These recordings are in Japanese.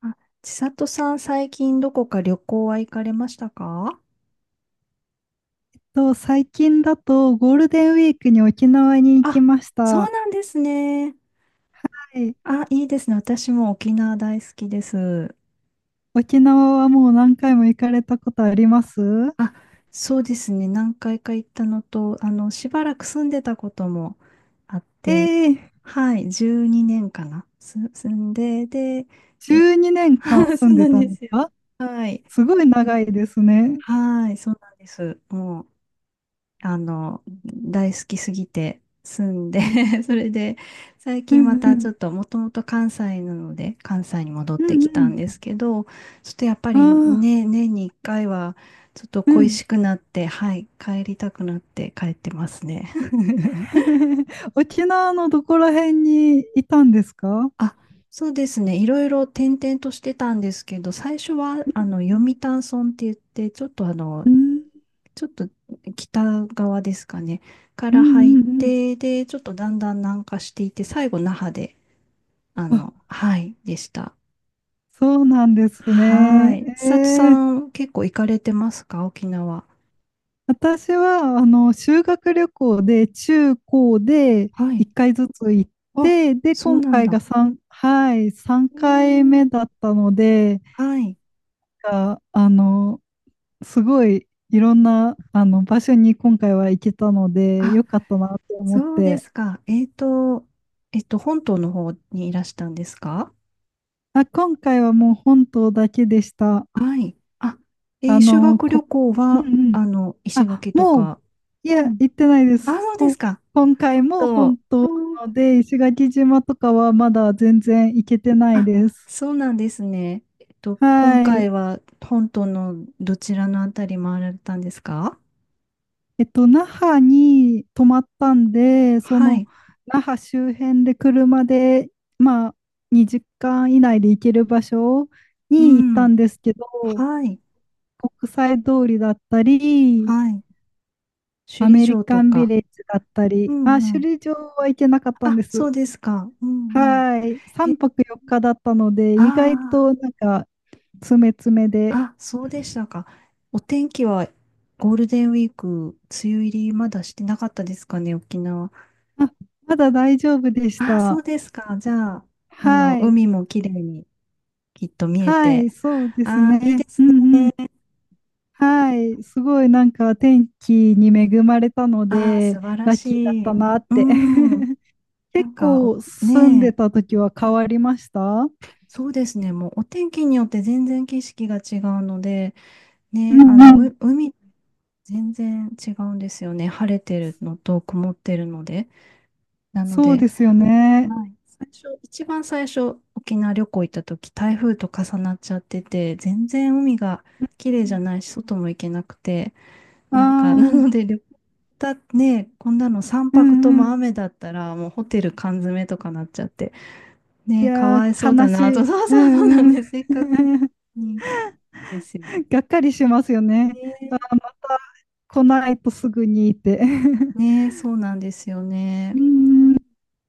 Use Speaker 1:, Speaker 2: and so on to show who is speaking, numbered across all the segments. Speaker 1: あ、千里さん、最近どこか旅行は行かれましたか？
Speaker 2: 最近だとゴールデンウィークに沖縄に行き
Speaker 1: あ、
Speaker 2: ました。
Speaker 1: そう
Speaker 2: は
Speaker 1: なんですね。
Speaker 2: い。
Speaker 1: あ、いいですね。私も沖縄大好きです。
Speaker 2: 沖縄はもう何回も行かれたことあります？
Speaker 1: あ、そうですね。何回か行ったのと、しばらく住んでたこともあっ
Speaker 2: え
Speaker 1: て、
Speaker 2: え。
Speaker 1: はい、12年かな。住んで、で、え、
Speaker 2: 12年間
Speaker 1: そ
Speaker 2: 住
Speaker 1: う
Speaker 2: んで
Speaker 1: なん
Speaker 2: た
Speaker 1: で
Speaker 2: の
Speaker 1: すよ。
Speaker 2: か。
Speaker 1: はい。
Speaker 2: すごい長いですね。
Speaker 1: はい、そうなんです。もう大好きすぎて住んで それで、最
Speaker 2: う
Speaker 1: 近ま
Speaker 2: んう
Speaker 1: たちょ
Speaker 2: ん。
Speaker 1: っと、もともと関西なので、関西に戻っ
Speaker 2: う
Speaker 1: てきた
Speaker 2: ん
Speaker 1: んですけど、ちょっとやっぱ
Speaker 2: う
Speaker 1: り
Speaker 2: ん。ああ、
Speaker 1: ね、年に一回は、ちょっと
Speaker 2: う
Speaker 1: 恋
Speaker 2: ん。
Speaker 1: しくなって、はい、帰りたくなって帰ってますね。
Speaker 2: 沖縄のどこら辺にいたんですか？
Speaker 1: あ、そうですね。いろいろ転々としてたんですけど、最初は、読谷村って言って、ちょっとあの、
Speaker 2: うん、
Speaker 1: ちょっと北側ですかね、か
Speaker 2: うん、
Speaker 1: ら入っ
Speaker 2: うん、うん。
Speaker 1: て、で、ちょっとだんだん南下していって、最後那覇で、
Speaker 2: あ、
Speaker 1: はい、でした。
Speaker 2: そうなんです
Speaker 1: は
Speaker 2: ね。
Speaker 1: い。千里さん、結構行かれてますか沖縄？
Speaker 2: 私は、修学旅行で、中高で
Speaker 1: はい。
Speaker 2: 1回ずつ行っ
Speaker 1: あ、
Speaker 2: て、で、
Speaker 1: そう
Speaker 2: 今
Speaker 1: なん
Speaker 2: 回が
Speaker 1: だ。
Speaker 2: 3、はい、3
Speaker 1: え
Speaker 2: 回
Speaker 1: ー、
Speaker 2: 目だったので、
Speaker 1: はい。
Speaker 2: が、すごいいろんな、場所に今回は行けたので、
Speaker 1: あ、
Speaker 2: よかったなって思っ
Speaker 1: そうで
Speaker 2: て、
Speaker 1: すか。本島の方にいらしたんですか？
Speaker 2: あ、今回はもう本島だけでした。
Speaker 1: はい。あ、
Speaker 2: あ
Speaker 1: 修
Speaker 2: の、
Speaker 1: 学旅
Speaker 2: こ、
Speaker 1: 行
Speaker 2: う
Speaker 1: は、
Speaker 2: んうん。
Speaker 1: 石
Speaker 2: あ、
Speaker 1: 垣とか。
Speaker 2: い
Speaker 1: う
Speaker 2: や、
Speaker 1: ん、
Speaker 2: 行ってないで
Speaker 1: あ、
Speaker 2: す。
Speaker 1: そうですか。
Speaker 2: 今回も本
Speaker 1: そ
Speaker 2: 当
Speaker 1: う。
Speaker 2: なので、石垣島とかはまだ全然行けてない
Speaker 1: あ、
Speaker 2: です。
Speaker 1: そうなんですね。今
Speaker 2: は
Speaker 1: 回
Speaker 2: い。
Speaker 1: は本島のどちらのあたり回られたんですか？
Speaker 2: 那覇に泊まったんで、そ
Speaker 1: は
Speaker 2: の、
Speaker 1: い。
Speaker 2: 那覇周辺で車で、まあ、2時間以内で行ける場所
Speaker 1: う
Speaker 2: に行った
Speaker 1: ん。
Speaker 2: んですけど、
Speaker 1: はい。
Speaker 2: 国際通りだったり、
Speaker 1: はい。首
Speaker 2: ア
Speaker 1: 里
Speaker 2: メリ
Speaker 1: 城と
Speaker 2: カンビ
Speaker 1: か。
Speaker 2: レッジだった
Speaker 1: う
Speaker 2: り、
Speaker 1: んう
Speaker 2: まあ、
Speaker 1: ん。
Speaker 2: 首里城は行けなかったん
Speaker 1: あ、
Speaker 2: で
Speaker 1: そ
Speaker 2: す。
Speaker 1: うですか。うんうん。
Speaker 2: はい。3
Speaker 1: え、
Speaker 2: 泊4日だったので、意外
Speaker 1: あ
Speaker 2: となんか、詰め詰めで、
Speaker 1: あ、あ、そうでしたか。お天気はゴールデンウィーク、梅雨入りまだしてなかったですかね、沖縄？
Speaker 2: あ、まだ大丈夫でし
Speaker 1: あ、そ
Speaker 2: た。
Speaker 1: うですか。じゃあ、
Speaker 2: はい。
Speaker 1: 海も綺麗にきっと見え
Speaker 2: は
Speaker 1: て。
Speaker 2: い、そうです
Speaker 1: ああ、いいで
Speaker 2: ね。う
Speaker 1: すね。
Speaker 2: んうん。はい。すごいなんか天気に恵まれたの
Speaker 1: ああ、
Speaker 2: で、
Speaker 1: 素晴ら
Speaker 2: ラッキーだっ
Speaker 1: し
Speaker 2: た
Speaker 1: い。
Speaker 2: なっ
Speaker 1: う
Speaker 2: て。
Speaker 1: ん。な
Speaker 2: 結
Speaker 1: んか、お
Speaker 2: 構住ん
Speaker 1: ね
Speaker 2: で
Speaker 1: え、
Speaker 2: た時は変わりました？
Speaker 1: そうですね。もうお天気によって全然景色が違うので、
Speaker 2: う
Speaker 1: ね、
Speaker 2: んうん。
Speaker 1: 海全然違うんですよね。晴れてるのと曇ってるので。なの
Speaker 2: そう
Speaker 1: で、
Speaker 2: ですよね。
Speaker 1: はい。最初、一番最初、沖縄旅行行った時、台風と重なっちゃってて、全然海が綺麗じゃないし、外も行けなくて、
Speaker 2: ああ
Speaker 1: なんか、な
Speaker 2: ー、
Speaker 1: ので旅行だね、こんなの3
Speaker 2: う
Speaker 1: 泊と
Speaker 2: ん
Speaker 1: も
Speaker 2: うん。
Speaker 1: 雨だったら、もうホテル缶詰とかなっちゃって、
Speaker 2: い
Speaker 1: ね、か
Speaker 2: や
Speaker 1: わいそ
Speaker 2: ー、
Speaker 1: うだ
Speaker 2: 悲し
Speaker 1: なと、
Speaker 2: い。
Speaker 1: そう
Speaker 2: う
Speaker 1: そうそうなん
Speaker 2: んうん。
Speaker 1: です、せっかく にですよ。
Speaker 2: がっかりしますよね。
Speaker 1: ね、
Speaker 2: あー、また来ないとすぐにって。
Speaker 1: ね、そうなんですよね。
Speaker 2: うーん。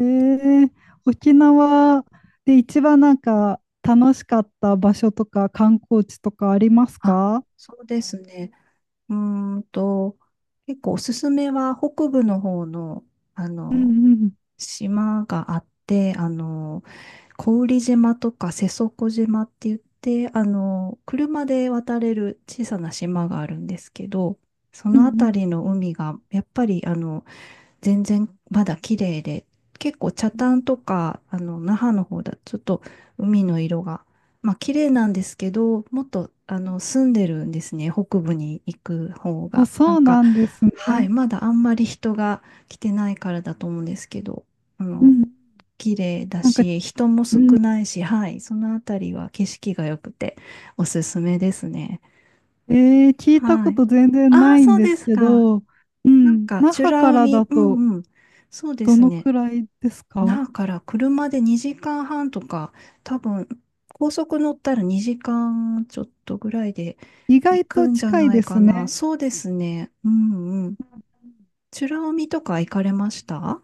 Speaker 2: ええ、沖縄で一番なんか楽しかった場所とか観光地とかあります
Speaker 1: あ、
Speaker 2: か？
Speaker 1: そうですね。うーんと、結構おすすめは北部の方の、あ
Speaker 2: う
Speaker 1: の、
Speaker 2: んうん。
Speaker 1: 島があって、小宇利島とか瀬底島って言って、車で渡れる小さな島があるんですけど、そ
Speaker 2: うんう
Speaker 1: のあた
Speaker 2: ん。
Speaker 1: りの海が、やっぱり、全然まだ綺麗で、結構北
Speaker 2: うん。
Speaker 1: 谷とか、那覇の方だとちょっと海の色が、まあ綺麗なんですけど、もっと、住んでるんですね、北部に行く方
Speaker 2: あ、
Speaker 1: が。な
Speaker 2: そ
Speaker 1: ん
Speaker 2: う
Speaker 1: か、
Speaker 2: なんです
Speaker 1: はい、
Speaker 2: ね。
Speaker 1: まだあんまり人が来てないからだと思うんですけど、あ
Speaker 2: う
Speaker 1: の、
Speaker 2: ん。
Speaker 1: 綺麗だ
Speaker 2: なんか、
Speaker 1: し、人も
Speaker 2: う
Speaker 1: 少
Speaker 2: ん。
Speaker 1: ないし、はい、そのあたりは景色が良くておすすめですね。
Speaker 2: ええ、聞いた
Speaker 1: は
Speaker 2: こ
Speaker 1: い。
Speaker 2: と全然
Speaker 1: あ
Speaker 2: な
Speaker 1: あ、
Speaker 2: いん
Speaker 1: そう
Speaker 2: で
Speaker 1: で
Speaker 2: す
Speaker 1: す
Speaker 2: け
Speaker 1: か。
Speaker 2: ど、う
Speaker 1: なん
Speaker 2: ん。
Speaker 1: か、
Speaker 2: 那
Speaker 1: 美
Speaker 2: 覇か
Speaker 1: ら
Speaker 2: らだ
Speaker 1: 海、う
Speaker 2: と
Speaker 1: んうん。そうで
Speaker 2: ど
Speaker 1: す
Speaker 2: の
Speaker 1: ね。
Speaker 2: くらいですか？
Speaker 1: だから車で2時間半とか、多分、高速乗ったら2時間ちょっとぐらいで
Speaker 2: 意
Speaker 1: 行
Speaker 2: 外
Speaker 1: く
Speaker 2: と
Speaker 1: んじゃ
Speaker 2: 近い
Speaker 1: ない
Speaker 2: で
Speaker 1: か
Speaker 2: す
Speaker 1: な。
Speaker 2: ね。
Speaker 1: そうですね。うんうん。美ら海とか行かれました？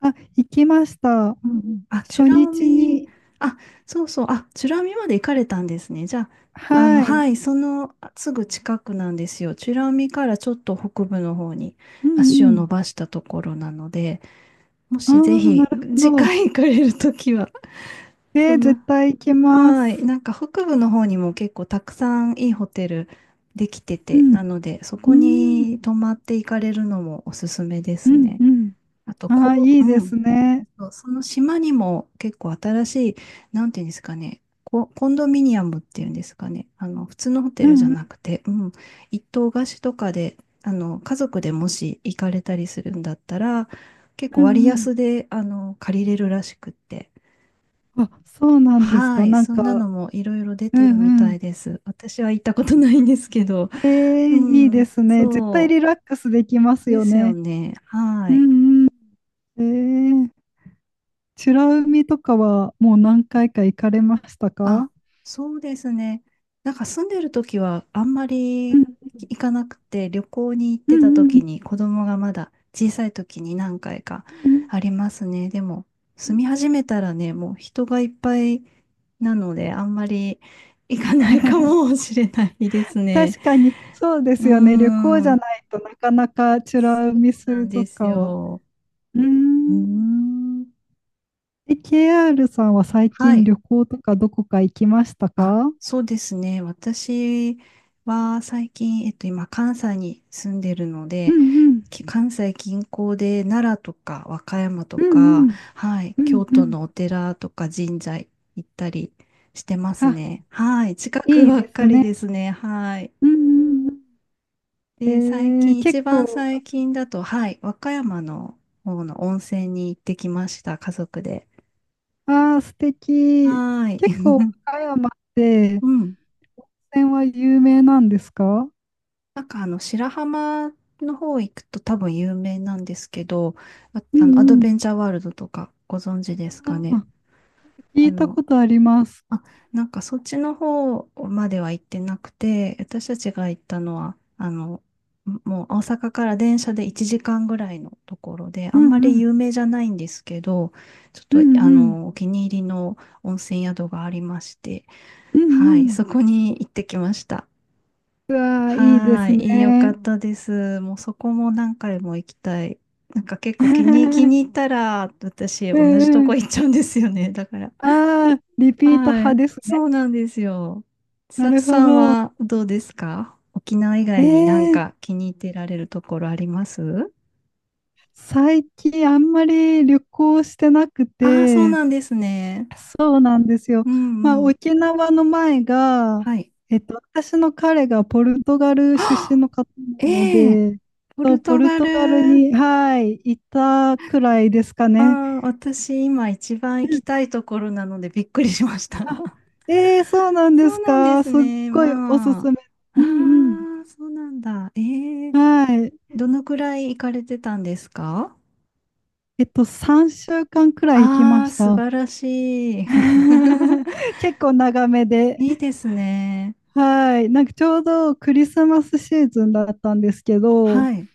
Speaker 2: あ、行きました。
Speaker 1: うんうん。あ、美
Speaker 2: 初
Speaker 1: ら
Speaker 2: 日
Speaker 1: 海、
Speaker 2: に、
Speaker 1: あ、そうそう。あ、美ら海まで行かれたんですね。じゃあ、
Speaker 2: は
Speaker 1: は
Speaker 2: い。
Speaker 1: い、そのすぐ近くなんですよ。美ら海からちょっと北部の方に
Speaker 2: う
Speaker 1: 足
Speaker 2: ん
Speaker 1: を
Speaker 2: う
Speaker 1: 伸
Speaker 2: ん。
Speaker 1: ばしたところなので、も
Speaker 2: あ
Speaker 1: しぜ
Speaker 2: あ、な
Speaker 1: ひ
Speaker 2: るほ
Speaker 1: 次
Speaker 2: ど。
Speaker 1: 回行かれるときは、そん
Speaker 2: 絶
Speaker 1: な、
Speaker 2: 対行きま
Speaker 1: はい。
Speaker 2: す。
Speaker 1: なんか北部の方にも結構たくさんいいホテルできて
Speaker 2: う
Speaker 1: て、な
Speaker 2: ん。
Speaker 1: ので、そ
Speaker 2: う
Speaker 1: こ
Speaker 2: ーん。
Speaker 1: に泊まって行かれるのもおすすめで
Speaker 2: う
Speaker 1: す
Speaker 2: ん
Speaker 1: ね。
Speaker 2: うん。
Speaker 1: あと、
Speaker 2: ああ、
Speaker 1: こ
Speaker 2: いい
Speaker 1: う、
Speaker 2: で
Speaker 1: うん。
Speaker 2: すね。
Speaker 1: そうその島にも結構新しい、なんていうんですかね、コンドミニアムっていうんですかね、普通のホ
Speaker 2: う
Speaker 1: テルじゃ
Speaker 2: んう
Speaker 1: な
Speaker 2: ん
Speaker 1: くて、うん、一棟貸しとかで、家族でもし行かれたりするんだったら、結
Speaker 2: う
Speaker 1: 構割
Speaker 2: ん
Speaker 1: 安で、借りれるらしくって。
Speaker 2: うん。あ、そうなんです
Speaker 1: は
Speaker 2: か。
Speaker 1: い、
Speaker 2: なん
Speaker 1: そんな
Speaker 2: か、
Speaker 1: のもいろいろ出
Speaker 2: う
Speaker 1: てるみ
Speaker 2: んう
Speaker 1: た
Speaker 2: ん。
Speaker 1: いです。私は行ったことないんですけど。う
Speaker 2: いいで
Speaker 1: ん、
Speaker 2: すね。絶対
Speaker 1: そ
Speaker 2: リラックスできま
Speaker 1: う
Speaker 2: す
Speaker 1: で
Speaker 2: よ
Speaker 1: すよ
Speaker 2: ね。
Speaker 1: ね。
Speaker 2: う
Speaker 1: はい。
Speaker 2: んうん。えー、美ら海とかはもう何回か行かれましたか？
Speaker 1: あ、そうですね。なんか住んでる時はあんま
Speaker 2: う
Speaker 1: り
Speaker 2: ん
Speaker 1: 行かなくて、旅行に行っ
Speaker 2: うん
Speaker 1: てた
Speaker 2: う
Speaker 1: 時
Speaker 2: ん
Speaker 1: に子供がまだ小さい時に何回か
Speaker 2: うん
Speaker 1: ありますね。でも
Speaker 2: うんう
Speaker 1: 住み
Speaker 2: ん。
Speaker 1: 始めたらね、もう人がいっぱいなので、あんまり行かないか もしれないですね。
Speaker 2: 確かに、そうで
Speaker 1: うー
Speaker 2: すよね。旅行じゃ
Speaker 1: ん。
Speaker 2: ないとなかなか美ら海
Speaker 1: な
Speaker 2: 水
Speaker 1: んで
Speaker 2: 族
Speaker 1: す
Speaker 2: 館は。
Speaker 1: よ。
Speaker 2: うー
Speaker 1: うー
Speaker 2: ん。
Speaker 1: ん。
Speaker 2: え、KR さんは最
Speaker 1: は
Speaker 2: 近
Speaker 1: い。
Speaker 2: 旅行とかどこか行きました
Speaker 1: あ、
Speaker 2: か？
Speaker 1: そうですね。私は最近、今、関西に住んでるの
Speaker 2: う
Speaker 1: で、
Speaker 2: んうん。
Speaker 1: 関西近郊で奈良とか和歌山と
Speaker 2: うんう
Speaker 1: か、
Speaker 2: ん。
Speaker 1: はい、
Speaker 2: うん
Speaker 1: 京
Speaker 2: う
Speaker 1: 都
Speaker 2: ん。
Speaker 1: のお寺とか神社行ったりしてます
Speaker 2: あ、
Speaker 1: ね。はい、近く
Speaker 2: いい
Speaker 1: ばっ
Speaker 2: です
Speaker 1: かりで
Speaker 2: ね。
Speaker 1: すね。はい。
Speaker 2: うんうんう
Speaker 1: で、最
Speaker 2: ん。
Speaker 1: 近、一
Speaker 2: 結
Speaker 1: 番
Speaker 2: 構、
Speaker 1: 最近だと、はい、和歌山の方の温泉に行ってきました、家族で。
Speaker 2: ああ、素敵。
Speaker 1: はい。
Speaker 2: 結構、岡山って、
Speaker 1: うん。
Speaker 2: 温泉は有名なんですか？
Speaker 1: なんか白浜の方行くと多分有名なんですけど、あ、
Speaker 2: う
Speaker 1: アド
Speaker 2: んう
Speaker 1: ベ
Speaker 2: ん。
Speaker 1: ンチャーワールドとかご存知です
Speaker 2: あ
Speaker 1: かね？
Speaker 2: あ、聞
Speaker 1: あ
Speaker 2: いた
Speaker 1: の、
Speaker 2: ことあります。
Speaker 1: あ、なんかそっちの方までは行ってなくて、私たちが行ったのは、もう大阪から電車で1時間ぐらいのところで、あ
Speaker 2: う
Speaker 1: んま
Speaker 2: んう
Speaker 1: り
Speaker 2: ん。
Speaker 1: 有名じゃないんですけど、ちょっ
Speaker 2: うん
Speaker 1: と
Speaker 2: うん。
Speaker 1: お気に入りの温泉宿がありまして、
Speaker 2: うんう
Speaker 1: はい、
Speaker 2: ん。
Speaker 1: そこに行ってきました。
Speaker 2: うわー、いいで
Speaker 1: は
Speaker 2: す
Speaker 1: ーい、いいよかっ
Speaker 2: ね。
Speaker 1: たです。もうそこも何回も行きたい。なんか結 構気に、気
Speaker 2: う
Speaker 1: に入ったら、私
Speaker 2: ん
Speaker 1: 同じと
Speaker 2: う
Speaker 1: こ
Speaker 2: ん。
Speaker 1: 行っちゃうんですよね。だから。
Speaker 2: ああ、リピート
Speaker 1: は
Speaker 2: 派
Speaker 1: い、
Speaker 2: ですね。
Speaker 1: そうなんですよ。
Speaker 2: な
Speaker 1: 千里
Speaker 2: るほ
Speaker 1: さん
Speaker 2: ど。
Speaker 1: はどうですか沖縄以
Speaker 2: え
Speaker 1: 外になん
Speaker 2: え、
Speaker 1: か気に入ってられるところあります？
Speaker 2: 最近あんまり旅行してなく
Speaker 1: ああー、そう
Speaker 2: て、
Speaker 1: なんですね。
Speaker 2: そうなんですよ。
Speaker 1: う
Speaker 2: まあ、
Speaker 1: んうん。
Speaker 2: 沖縄の前が、
Speaker 1: はい。
Speaker 2: 私の彼がポルトガ ル出身
Speaker 1: あ、
Speaker 2: の方なの
Speaker 1: ええ、
Speaker 2: で、
Speaker 1: ポ
Speaker 2: そう
Speaker 1: ル
Speaker 2: ポ
Speaker 1: ト
Speaker 2: ル
Speaker 1: ガ
Speaker 2: トガル
Speaker 1: ル。
Speaker 2: に、はい、いたくらいですか
Speaker 1: あ
Speaker 2: ね。
Speaker 1: あ、私今一番行きたいところなのでびっくりしました。
Speaker 2: ええ、そうなんで
Speaker 1: そう
Speaker 2: す
Speaker 1: なんで
Speaker 2: か。
Speaker 1: す
Speaker 2: すっ
Speaker 1: ね。
Speaker 2: ごいおす
Speaker 1: まあ。
Speaker 2: すめ。
Speaker 1: あ
Speaker 2: うん
Speaker 1: あ、そうなんだ。ええ、
Speaker 2: うん。はい。
Speaker 1: どのくらい行かれてたんですか？
Speaker 2: 3週間くらい行き
Speaker 1: あ
Speaker 2: ま
Speaker 1: あー、
Speaker 2: し
Speaker 1: 素
Speaker 2: た。
Speaker 1: 晴らしい。
Speaker 2: 結構長めで。
Speaker 1: いいですね。
Speaker 2: はい。なんかちょうどクリスマスシーズンだったんですけど、
Speaker 1: はい。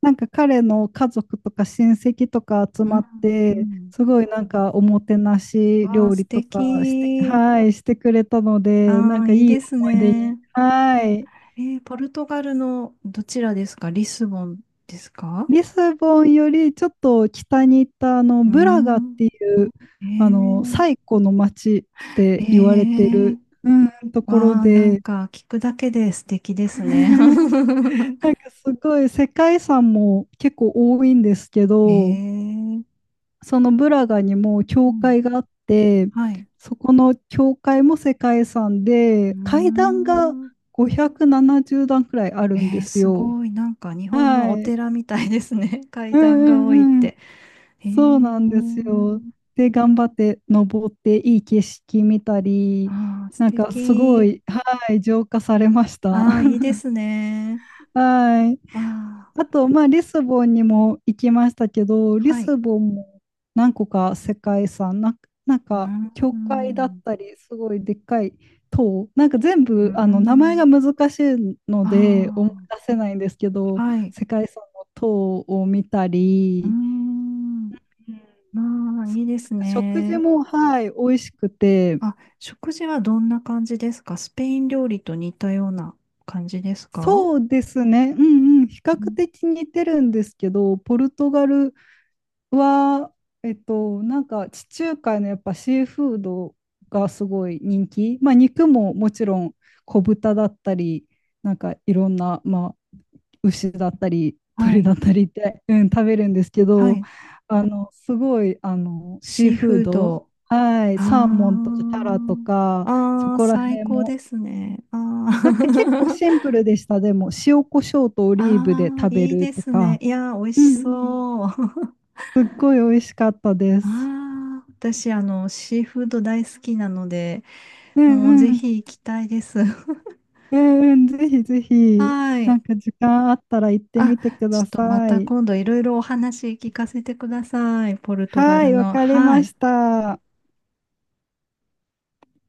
Speaker 2: なんか彼の家族とか親戚とか集
Speaker 1: うん、
Speaker 2: まって、
Speaker 1: う
Speaker 2: すごいなんかおもてな
Speaker 1: ん。
Speaker 2: し
Speaker 1: わあ、
Speaker 2: 料
Speaker 1: 素
Speaker 2: 理とかして、
Speaker 1: 敵。
Speaker 2: はい、してくれたので、な
Speaker 1: あ
Speaker 2: ん
Speaker 1: あ、
Speaker 2: かい
Speaker 1: いい
Speaker 2: い
Speaker 1: です
Speaker 2: 思い出に。
Speaker 1: ね。
Speaker 2: はい。
Speaker 1: ポルトガルのどちらですかリスボンですか？
Speaker 2: リスボンよりちょっと北に行ったあの
Speaker 1: うー
Speaker 2: ブラガっ
Speaker 1: ん。
Speaker 2: ていう
Speaker 1: え
Speaker 2: あの
Speaker 1: ー、
Speaker 2: 最古の町っ
Speaker 1: え
Speaker 2: て言われて
Speaker 1: ー、
Speaker 2: る、うん。ところ
Speaker 1: わあ、なん
Speaker 2: で
Speaker 1: か聞くだけで素敵です ね。
Speaker 2: なん かすごい世界遺産も結構多いんですけ
Speaker 1: え
Speaker 2: ど、
Speaker 1: え、
Speaker 2: そのブラガにも
Speaker 1: う
Speaker 2: 教
Speaker 1: ん、
Speaker 2: 会があって、
Speaker 1: はい。
Speaker 2: そこの教会も世界遺産
Speaker 1: う
Speaker 2: で、階段が
Speaker 1: ーん。
Speaker 2: 570段くらいあるん
Speaker 1: え
Speaker 2: で
Speaker 1: え、
Speaker 2: す
Speaker 1: す
Speaker 2: よ。
Speaker 1: ごい。なんか日本の
Speaker 2: は
Speaker 1: お
Speaker 2: い。
Speaker 1: 寺みたいですね。
Speaker 2: う
Speaker 1: 階段が多いっ
Speaker 2: んうん、
Speaker 1: て。ええ、
Speaker 2: そうなんですよ。で、頑張って登って、いい景色見たり、
Speaker 1: ああ、素
Speaker 2: なんかすご
Speaker 1: 敵。
Speaker 2: い、はい、浄化されました。
Speaker 1: ああ、いい ですね。
Speaker 2: はい。
Speaker 1: わあ、
Speaker 2: あと、まあ、リスボンにも行きましたけど、リ
Speaker 1: はい。
Speaker 2: スボンも何個か世界遺産、なん
Speaker 1: う
Speaker 2: か、
Speaker 1: ー
Speaker 2: 教会だっ
Speaker 1: ん。
Speaker 2: たり、すごいでっかい塔、なんか全
Speaker 1: うー
Speaker 2: 部、名前が
Speaker 1: ん。
Speaker 2: 難しいの
Speaker 1: あ
Speaker 2: で、思い出せないんですけ
Speaker 1: あ、
Speaker 2: ど、
Speaker 1: はい。
Speaker 2: 世界遺産の塔を見た
Speaker 1: うー
Speaker 2: り、
Speaker 1: ん。まあ、いいです
Speaker 2: 食事
Speaker 1: ね。
Speaker 2: も、はい、美味しくて、
Speaker 1: あ、食事はどんな感じですかスペイン料理と似たような感じですか？
Speaker 2: そうですね、うんうん、比較的似てるんですけど、ポルトガルは、なんか地中海のやっぱシーフードがすごい人気、まあ、肉ももちろん小豚だったり、なんかいろんな、まあ、牛だったり、
Speaker 1: は
Speaker 2: 鳥
Speaker 1: い、
Speaker 2: だったりって、うん、食べるんですけ
Speaker 1: は
Speaker 2: ど、
Speaker 1: い。
Speaker 2: すごい、シー
Speaker 1: シー
Speaker 2: フー
Speaker 1: フー
Speaker 2: ド、
Speaker 1: ド。
Speaker 2: はい、サーモンと
Speaker 1: あ
Speaker 2: かタラとか、そ
Speaker 1: あ、ああ、
Speaker 2: こら
Speaker 1: 最
Speaker 2: 辺
Speaker 1: 高
Speaker 2: も
Speaker 1: ですね。あ
Speaker 2: なんか結構
Speaker 1: あ、
Speaker 2: シンプルでした。でも、塩コショウとオ リーブで
Speaker 1: ああ、
Speaker 2: 食べ
Speaker 1: いい
Speaker 2: る
Speaker 1: で
Speaker 2: と
Speaker 1: すね。
Speaker 2: か、
Speaker 1: いやー、美味
Speaker 2: う
Speaker 1: し
Speaker 2: んうん。
Speaker 1: そう。
Speaker 2: すっごい美味しかったです。
Speaker 1: ああ、私、シーフード大好きなので、
Speaker 2: う
Speaker 1: もう
Speaker 2: ん
Speaker 1: ぜ
Speaker 2: うん。
Speaker 1: ひ行きたいです。
Speaker 2: うんうん。ぜひぜ ひ、
Speaker 1: は
Speaker 2: な
Speaker 1: い。
Speaker 2: んか時間あったら行って
Speaker 1: あ、
Speaker 2: みてく
Speaker 1: ちょ
Speaker 2: だ
Speaker 1: っとま
Speaker 2: さ
Speaker 1: た
Speaker 2: い。
Speaker 1: 今度いろいろお話聞かせてください。ポルトガ
Speaker 2: は
Speaker 1: ル
Speaker 2: い、わ
Speaker 1: の。
Speaker 2: かり
Speaker 1: は
Speaker 2: ま
Speaker 1: い。
Speaker 2: した。